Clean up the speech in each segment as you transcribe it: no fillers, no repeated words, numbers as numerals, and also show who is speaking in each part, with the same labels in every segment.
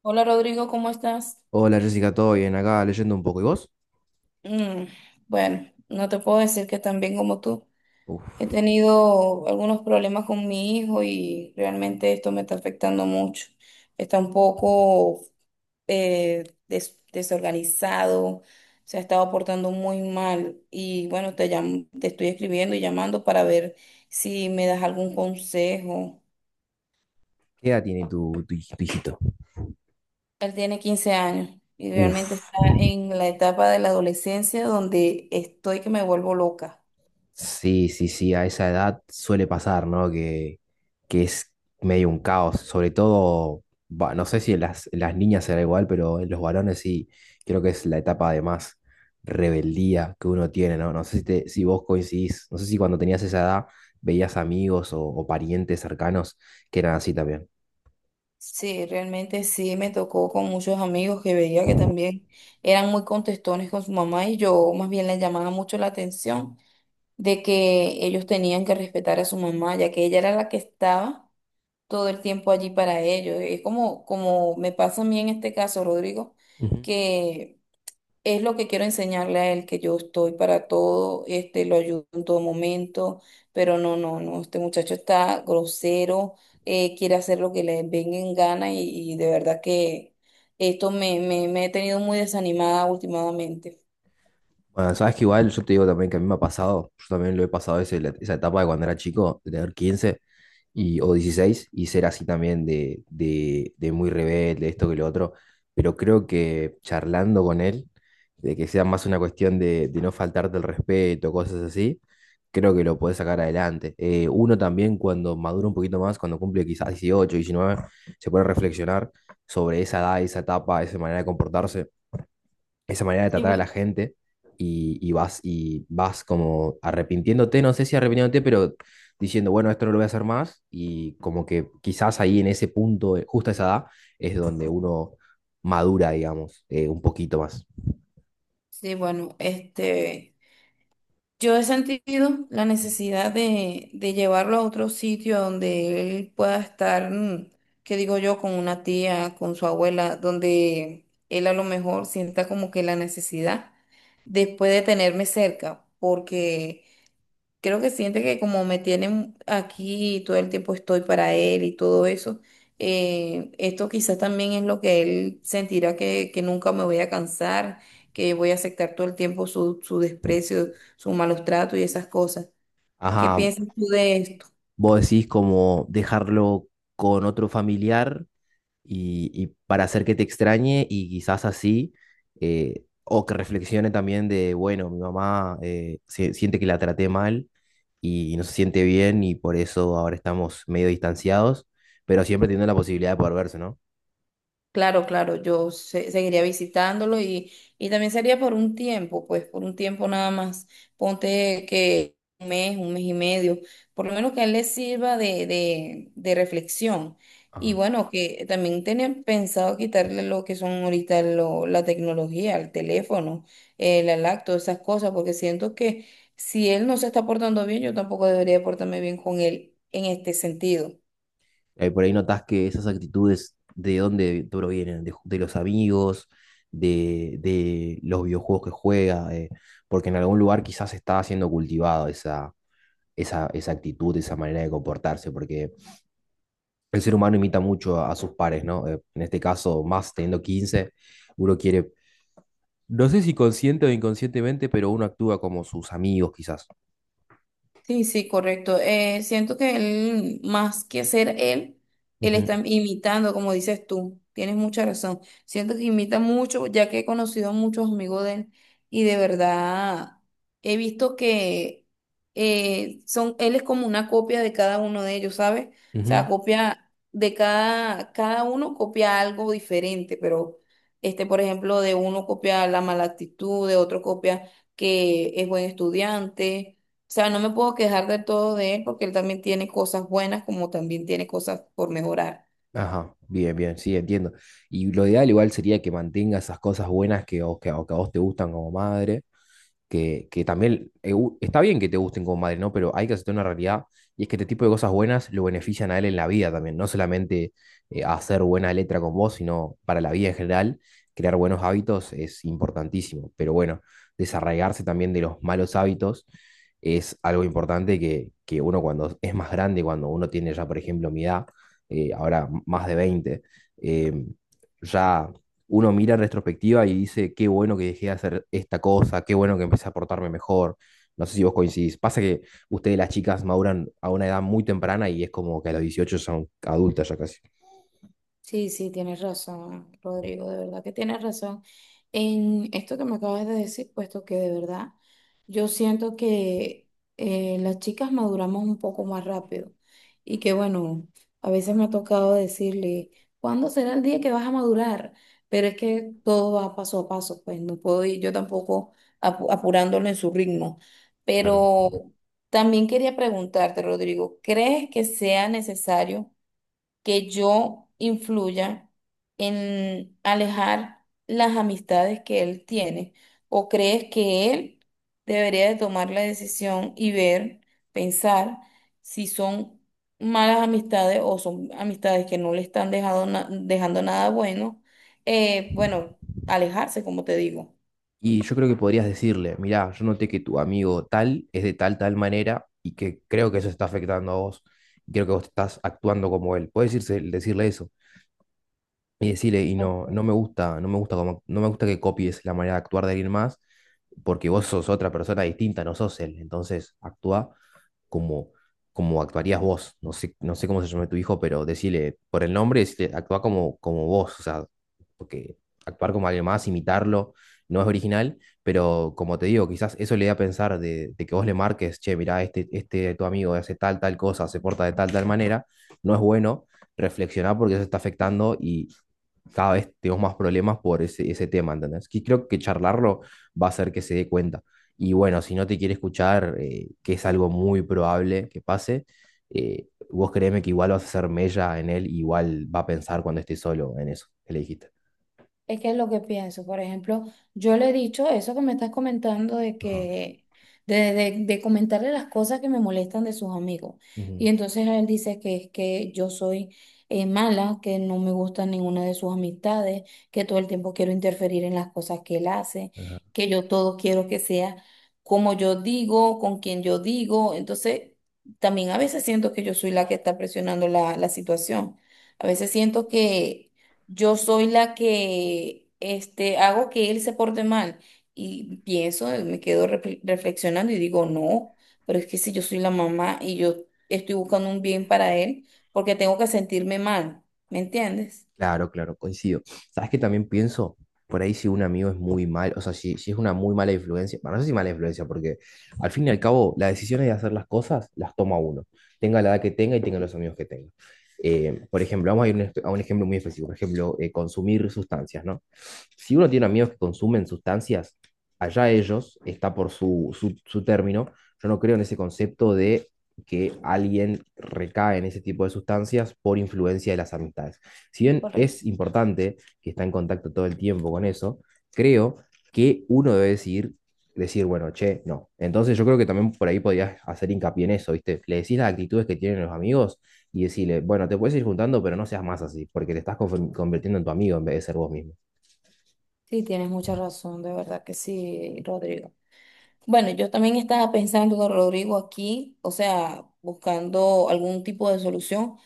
Speaker 1: Hola Rodrigo, ¿cómo estás?
Speaker 2: Hola Jessica, ¿todo bien? Acá leyendo un poco. ¿Y vos?
Speaker 1: Mm, bueno, no te puedo decir que tan bien como tú. He
Speaker 2: Uf.
Speaker 1: tenido algunos problemas con mi hijo y realmente esto me está afectando mucho. Está un poco desorganizado, se ha estado portando muy mal y bueno, te estoy escribiendo y llamando para ver si me das algún consejo.
Speaker 2: ¿Qué edad tiene tu tu hijito?
Speaker 1: Él tiene 15 años y
Speaker 2: Uf.
Speaker 1: realmente está en la etapa de la adolescencia donde estoy que me vuelvo loca.
Speaker 2: Sí, sí, sí, a esa edad suele pasar, ¿no? Que es medio un caos. Sobre todo, va, no sé si en las niñas será igual, pero en los varones sí, creo que es la etapa de más rebeldía que uno tiene, ¿no? No sé si, si vos coincidís, no sé si cuando tenías esa edad veías amigos o parientes cercanos que eran así también.
Speaker 1: Sí, realmente sí, me tocó con muchos amigos que veía que también eran muy contestones con su mamá y yo más bien les llamaba mucho la atención de que ellos tenían que respetar a su mamá, ya que ella era la que estaba todo el tiempo allí para ellos. Es como, como me pasa a mí en este caso, Rodrigo,
Speaker 2: Ujú.
Speaker 1: que es lo que quiero enseñarle a él, que yo estoy para todo, este, lo ayudo en todo momento, pero no, no, no, este muchacho está grosero, quiere hacer lo que le venga en gana y de verdad que esto me he tenido muy desanimada últimamente.
Speaker 2: Bueno, sabes que igual yo te digo también que a mí me ha pasado, yo también lo he pasado esa etapa de cuando era chico, de tener 15 o 16 y ser así también de muy rebelde, esto que lo otro, pero creo que charlando con él, de que sea más una cuestión de no faltarte el respeto, cosas así, creo que lo podés sacar adelante. Uno también cuando madura un poquito más, cuando cumple quizás 18, 19, se puede reflexionar sobre esa edad, esa etapa, esa manera de comportarse, esa manera de tratar a la gente y, y vas como arrepintiéndote, no sé si arrepintiéndote, pero diciendo, bueno, esto no lo voy a hacer más y como que quizás ahí en ese punto, justo a esa edad, es donde uno madura, digamos, un poquito más.
Speaker 1: Sí, bueno, Yo he sentido la necesidad de llevarlo a otro sitio donde él pueda estar, qué digo yo, con una tía, con su abuela, donde él a lo mejor sienta como que la necesidad después de tenerme cerca, porque creo que siente que como me tienen aquí y todo el tiempo estoy para él y todo eso, esto quizás también es lo que él sentirá que nunca me voy a cansar, que voy a aceptar todo el tiempo su, su desprecio, su malos tratos y esas cosas. ¿Qué
Speaker 2: Ajá,
Speaker 1: piensas tú de esto?
Speaker 2: vos decís como dejarlo con otro familiar y para hacer que te extrañe y quizás así, o que reflexione también de, bueno, mi mamá siente que la traté mal y no se siente bien y por eso ahora estamos medio distanciados, pero siempre teniendo la posibilidad de poder verse, ¿no?
Speaker 1: Claro, claro, seguiría visitándolo y también sería por un tiempo, pues por un tiempo nada más. Ponte que un mes y medio, por lo menos que a él le sirva de reflexión. Y
Speaker 2: Ajá.
Speaker 1: bueno, que también tenían pensado quitarle lo que son ahorita la tecnología, el teléfono, la lacto, esas cosas, porque siento que si él no se está portando bien, yo tampoco debería portarme bien con él en este sentido.
Speaker 2: Por ahí notas que esas actitudes de dónde provienen, de los amigos, de los videojuegos que juega, porque en algún lugar quizás está siendo cultivado esa actitud, esa manera de comportarse, porque el ser humano imita mucho a sus pares, ¿no? En este caso, más teniendo 15 uno quiere, no sé si consciente o inconscientemente, pero uno actúa como sus amigos quizás.
Speaker 1: Sí, sí, correcto. Siento que él, más que ser él, él
Speaker 2: Ujú,
Speaker 1: está imitando, como dices tú. Tienes mucha razón. Siento que imita mucho, ya que he conocido muchos amigos de él y de verdad he visto que él es como una copia de cada uno de ellos, ¿sabes? O sea,
Speaker 2: ujú.
Speaker 1: copia de cada, cada uno copia algo diferente, pero este, por ejemplo, de uno copia la mala actitud, de otro copia que es buen estudiante. O sea, no me puedo quejar de todo de él porque él también tiene cosas buenas como también tiene cosas por mejorar.
Speaker 2: Ajá, bien, bien, sí, entiendo. Y lo ideal igual sería que mantenga esas cosas buenas que a vos te gustan como madre que también está bien que te gusten como madre, ¿no? Pero hay que aceptar una realidad y es que este tipo de cosas buenas lo benefician a él en la vida también, no solamente hacer buena letra con vos, sino para la vida en general, crear buenos hábitos es importantísimo, pero bueno, desarraigarse también de los malos hábitos es algo importante que uno cuando es más grande, cuando uno tiene ya, por ejemplo, mi edad, ahora más de veinte, eh, ya uno mira en retrospectiva y dice, qué bueno que dejé de hacer esta cosa, qué bueno que empecé a portarme mejor. No sé si vos coincidís. Pasa que ustedes las chicas maduran a una edad muy temprana y es como que a los 18 son adultas ya casi.
Speaker 1: Sí, sí, tienes razón, Rodrigo, de verdad que tienes razón en esto que me acabas de decir, puesto que de verdad yo siento que las chicas maduramos un poco más rápido y que bueno, a veces me ha tocado decirle, ¿cuándo será el día que vas a madurar? Pero es que todo va paso a paso, pues no puedo ir yo tampoco apurándolo en su ritmo.
Speaker 2: Claro.
Speaker 1: Pero también quería preguntarte, Rodrigo, ¿crees que sea necesario que yo influya en alejar las amistades que él tiene? ¿O crees que él debería de tomar la decisión y ver, pensar si son malas amistades o son amistades que no le están dejando nada bueno? Bueno, alejarse, como te digo.
Speaker 2: Y yo creo que podrías decirle, mirá, yo noté que tu amigo tal es de tal manera y que creo que eso está afectando a vos. Y creo que vos estás actuando como él. Puedes decirle eso. Y decirle, no, no me gusta, no me no me gusta que copies la manera de actuar de alguien más, porque vos sos otra persona distinta, no sos él. Entonces, actúa como, como actuarías vos. No sé, no sé cómo se llama tu hijo, pero decirle por el nombre, decirle, actúa como vos, o sea, porque actuar como alguien más, imitarlo, no es original, pero como te digo, quizás eso le da a pensar de que vos le marques, che, mirá, este tu amigo hace tal cosa, se porta de tal manera, no es bueno reflexionar porque eso está afectando y cada vez tenemos más problemas por ese tema, ¿entendés? Que creo que charlarlo va a hacer que se dé cuenta. Y bueno, si no te quiere escuchar, que es algo muy probable que pase, vos créeme que igual vas a hacer mella en él, igual va a pensar cuando esté solo en eso que le dijiste.
Speaker 1: Es que es lo que pienso. Por ejemplo, yo le he dicho eso que me estás comentando de
Speaker 2: Ajá.
Speaker 1: que, de comentarle las cosas que me molestan de sus amigos. Y
Speaker 2: Ujú.
Speaker 1: entonces él dice que es que yo soy mala, que no me gusta ninguna de sus amistades, que todo el tiempo quiero interferir en las cosas que él hace,
Speaker 2: Ajá.
Speaker 1: que yo todo quiero que sea como yo digo, con quien yo digo. Entonces, también a veces siento que yo soy la que está presionando la situación. A veces siento que yo soy la que este, hago que él se porte mal. Y pienso, me quedo reflexionando y digo, no, pero es que si yo soy la mamá y yo estoy buscando un bien para él, porque tengo que sentirme mal, ¿me entiendes?
Speaker 2: Claro, claro, coincido. ¿Sabes que también pienso? Por ahí si un amigo es muy mal, o sea, si es una muy mala influencia, bueno, no sé si mala influencia, porque al fin y al cabo las decisiones de hacer las cosas las toma uno, tenga la edad que tenga y tenga los amigos que tenga. Por ejemplo, vamos a ir un a un ejemplo muy específico, por ejemplo, consumir sustancias, ¿no? Si uno tiene amigos que consumen sustancias, allá ellos, está por su término, yo no creo en ese concepto de que alguien recae en ese tipo de sustancias por influencia de las amistades. Si bien es
Speaker 1: Correcto.
Speaker 2: importante que está en contacto todo el tiempo con eso, creo que uno debe decidir, decir, bueno, che, no. Entonces yo creo que también por ahí podías hacer hincapié en eso, ¿viste? Le decís las actitudes que tienen los amigos y decirle, bueno, te puedes ir juntando, pero no seas más así, porque te estás convirtiendo en tu amigo en vez de ser vos mismo.
Speaker 1: Sí, tienes mucha razón, de verdad que sí, Rodrigo. Bueno, yo también estaba pensando, Rodrigo, aquí, o sea, buscando algún tipo de solución,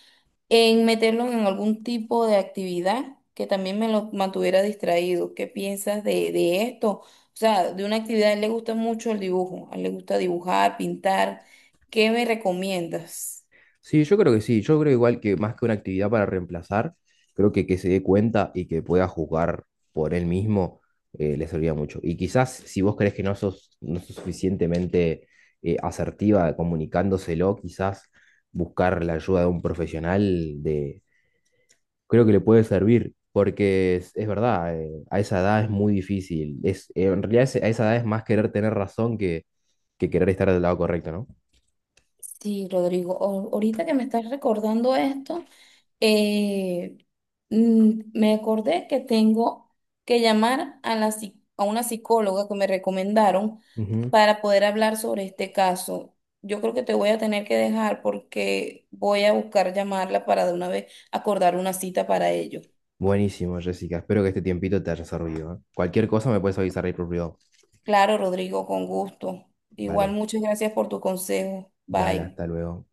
Speaker 1: en meterlo en algún tipo de actividad que también me lo mantuviera distraído. ¿Qué piensas de esto? O sea, de una actividad, a él le gusta mucho el dibujo, a él le gusta dibujar, pintar. ¿Qué me recomiendas?
Speaker 2: Sí, yo creo que sí. Yo creo igual que más que una actividad para reemplazar, creo que se dé cuenta y que pueda jugar por él mismo, le serviría mucho. Y quizás si vos crees que no sos, no sos suficientemente asertiva comunicándoselo, quizás buscar la ayuda de un profesional de, creo que le puede servir, porque es verdad, a esa edad es muy difícil. Es, en realidad a esa edad es más querer tener razón que querer estar del lado correcto, ¿no?
Speaker 1: Sí, Rodrigo, ahorita que me estás recordando esto. eh, me acordé que tengo que llamar a a una psicóloga que me recomendaron
Speaker 2: Ujú.
Speaker 1: para poder hablar sobre este caso. Yo creo que te voy a tener que dejar porque voy a buscar llamarla para de una vez acordar una cita para ello.
Speaker 2: Buenísimo, Jessica. Espero que este tiempito te haya servido, ¿eh? Cualquier cosa me puedes avisar ahí por privado.
Speaker 1: Claro, Rodrigo, con gusto. Igual,
Speaker 2: Dale,
Speaker 1: muchas gracias por tu consejo.
Speaker 2: dale,
Speaker 1: Bye.
Speaker 2: hasta luego.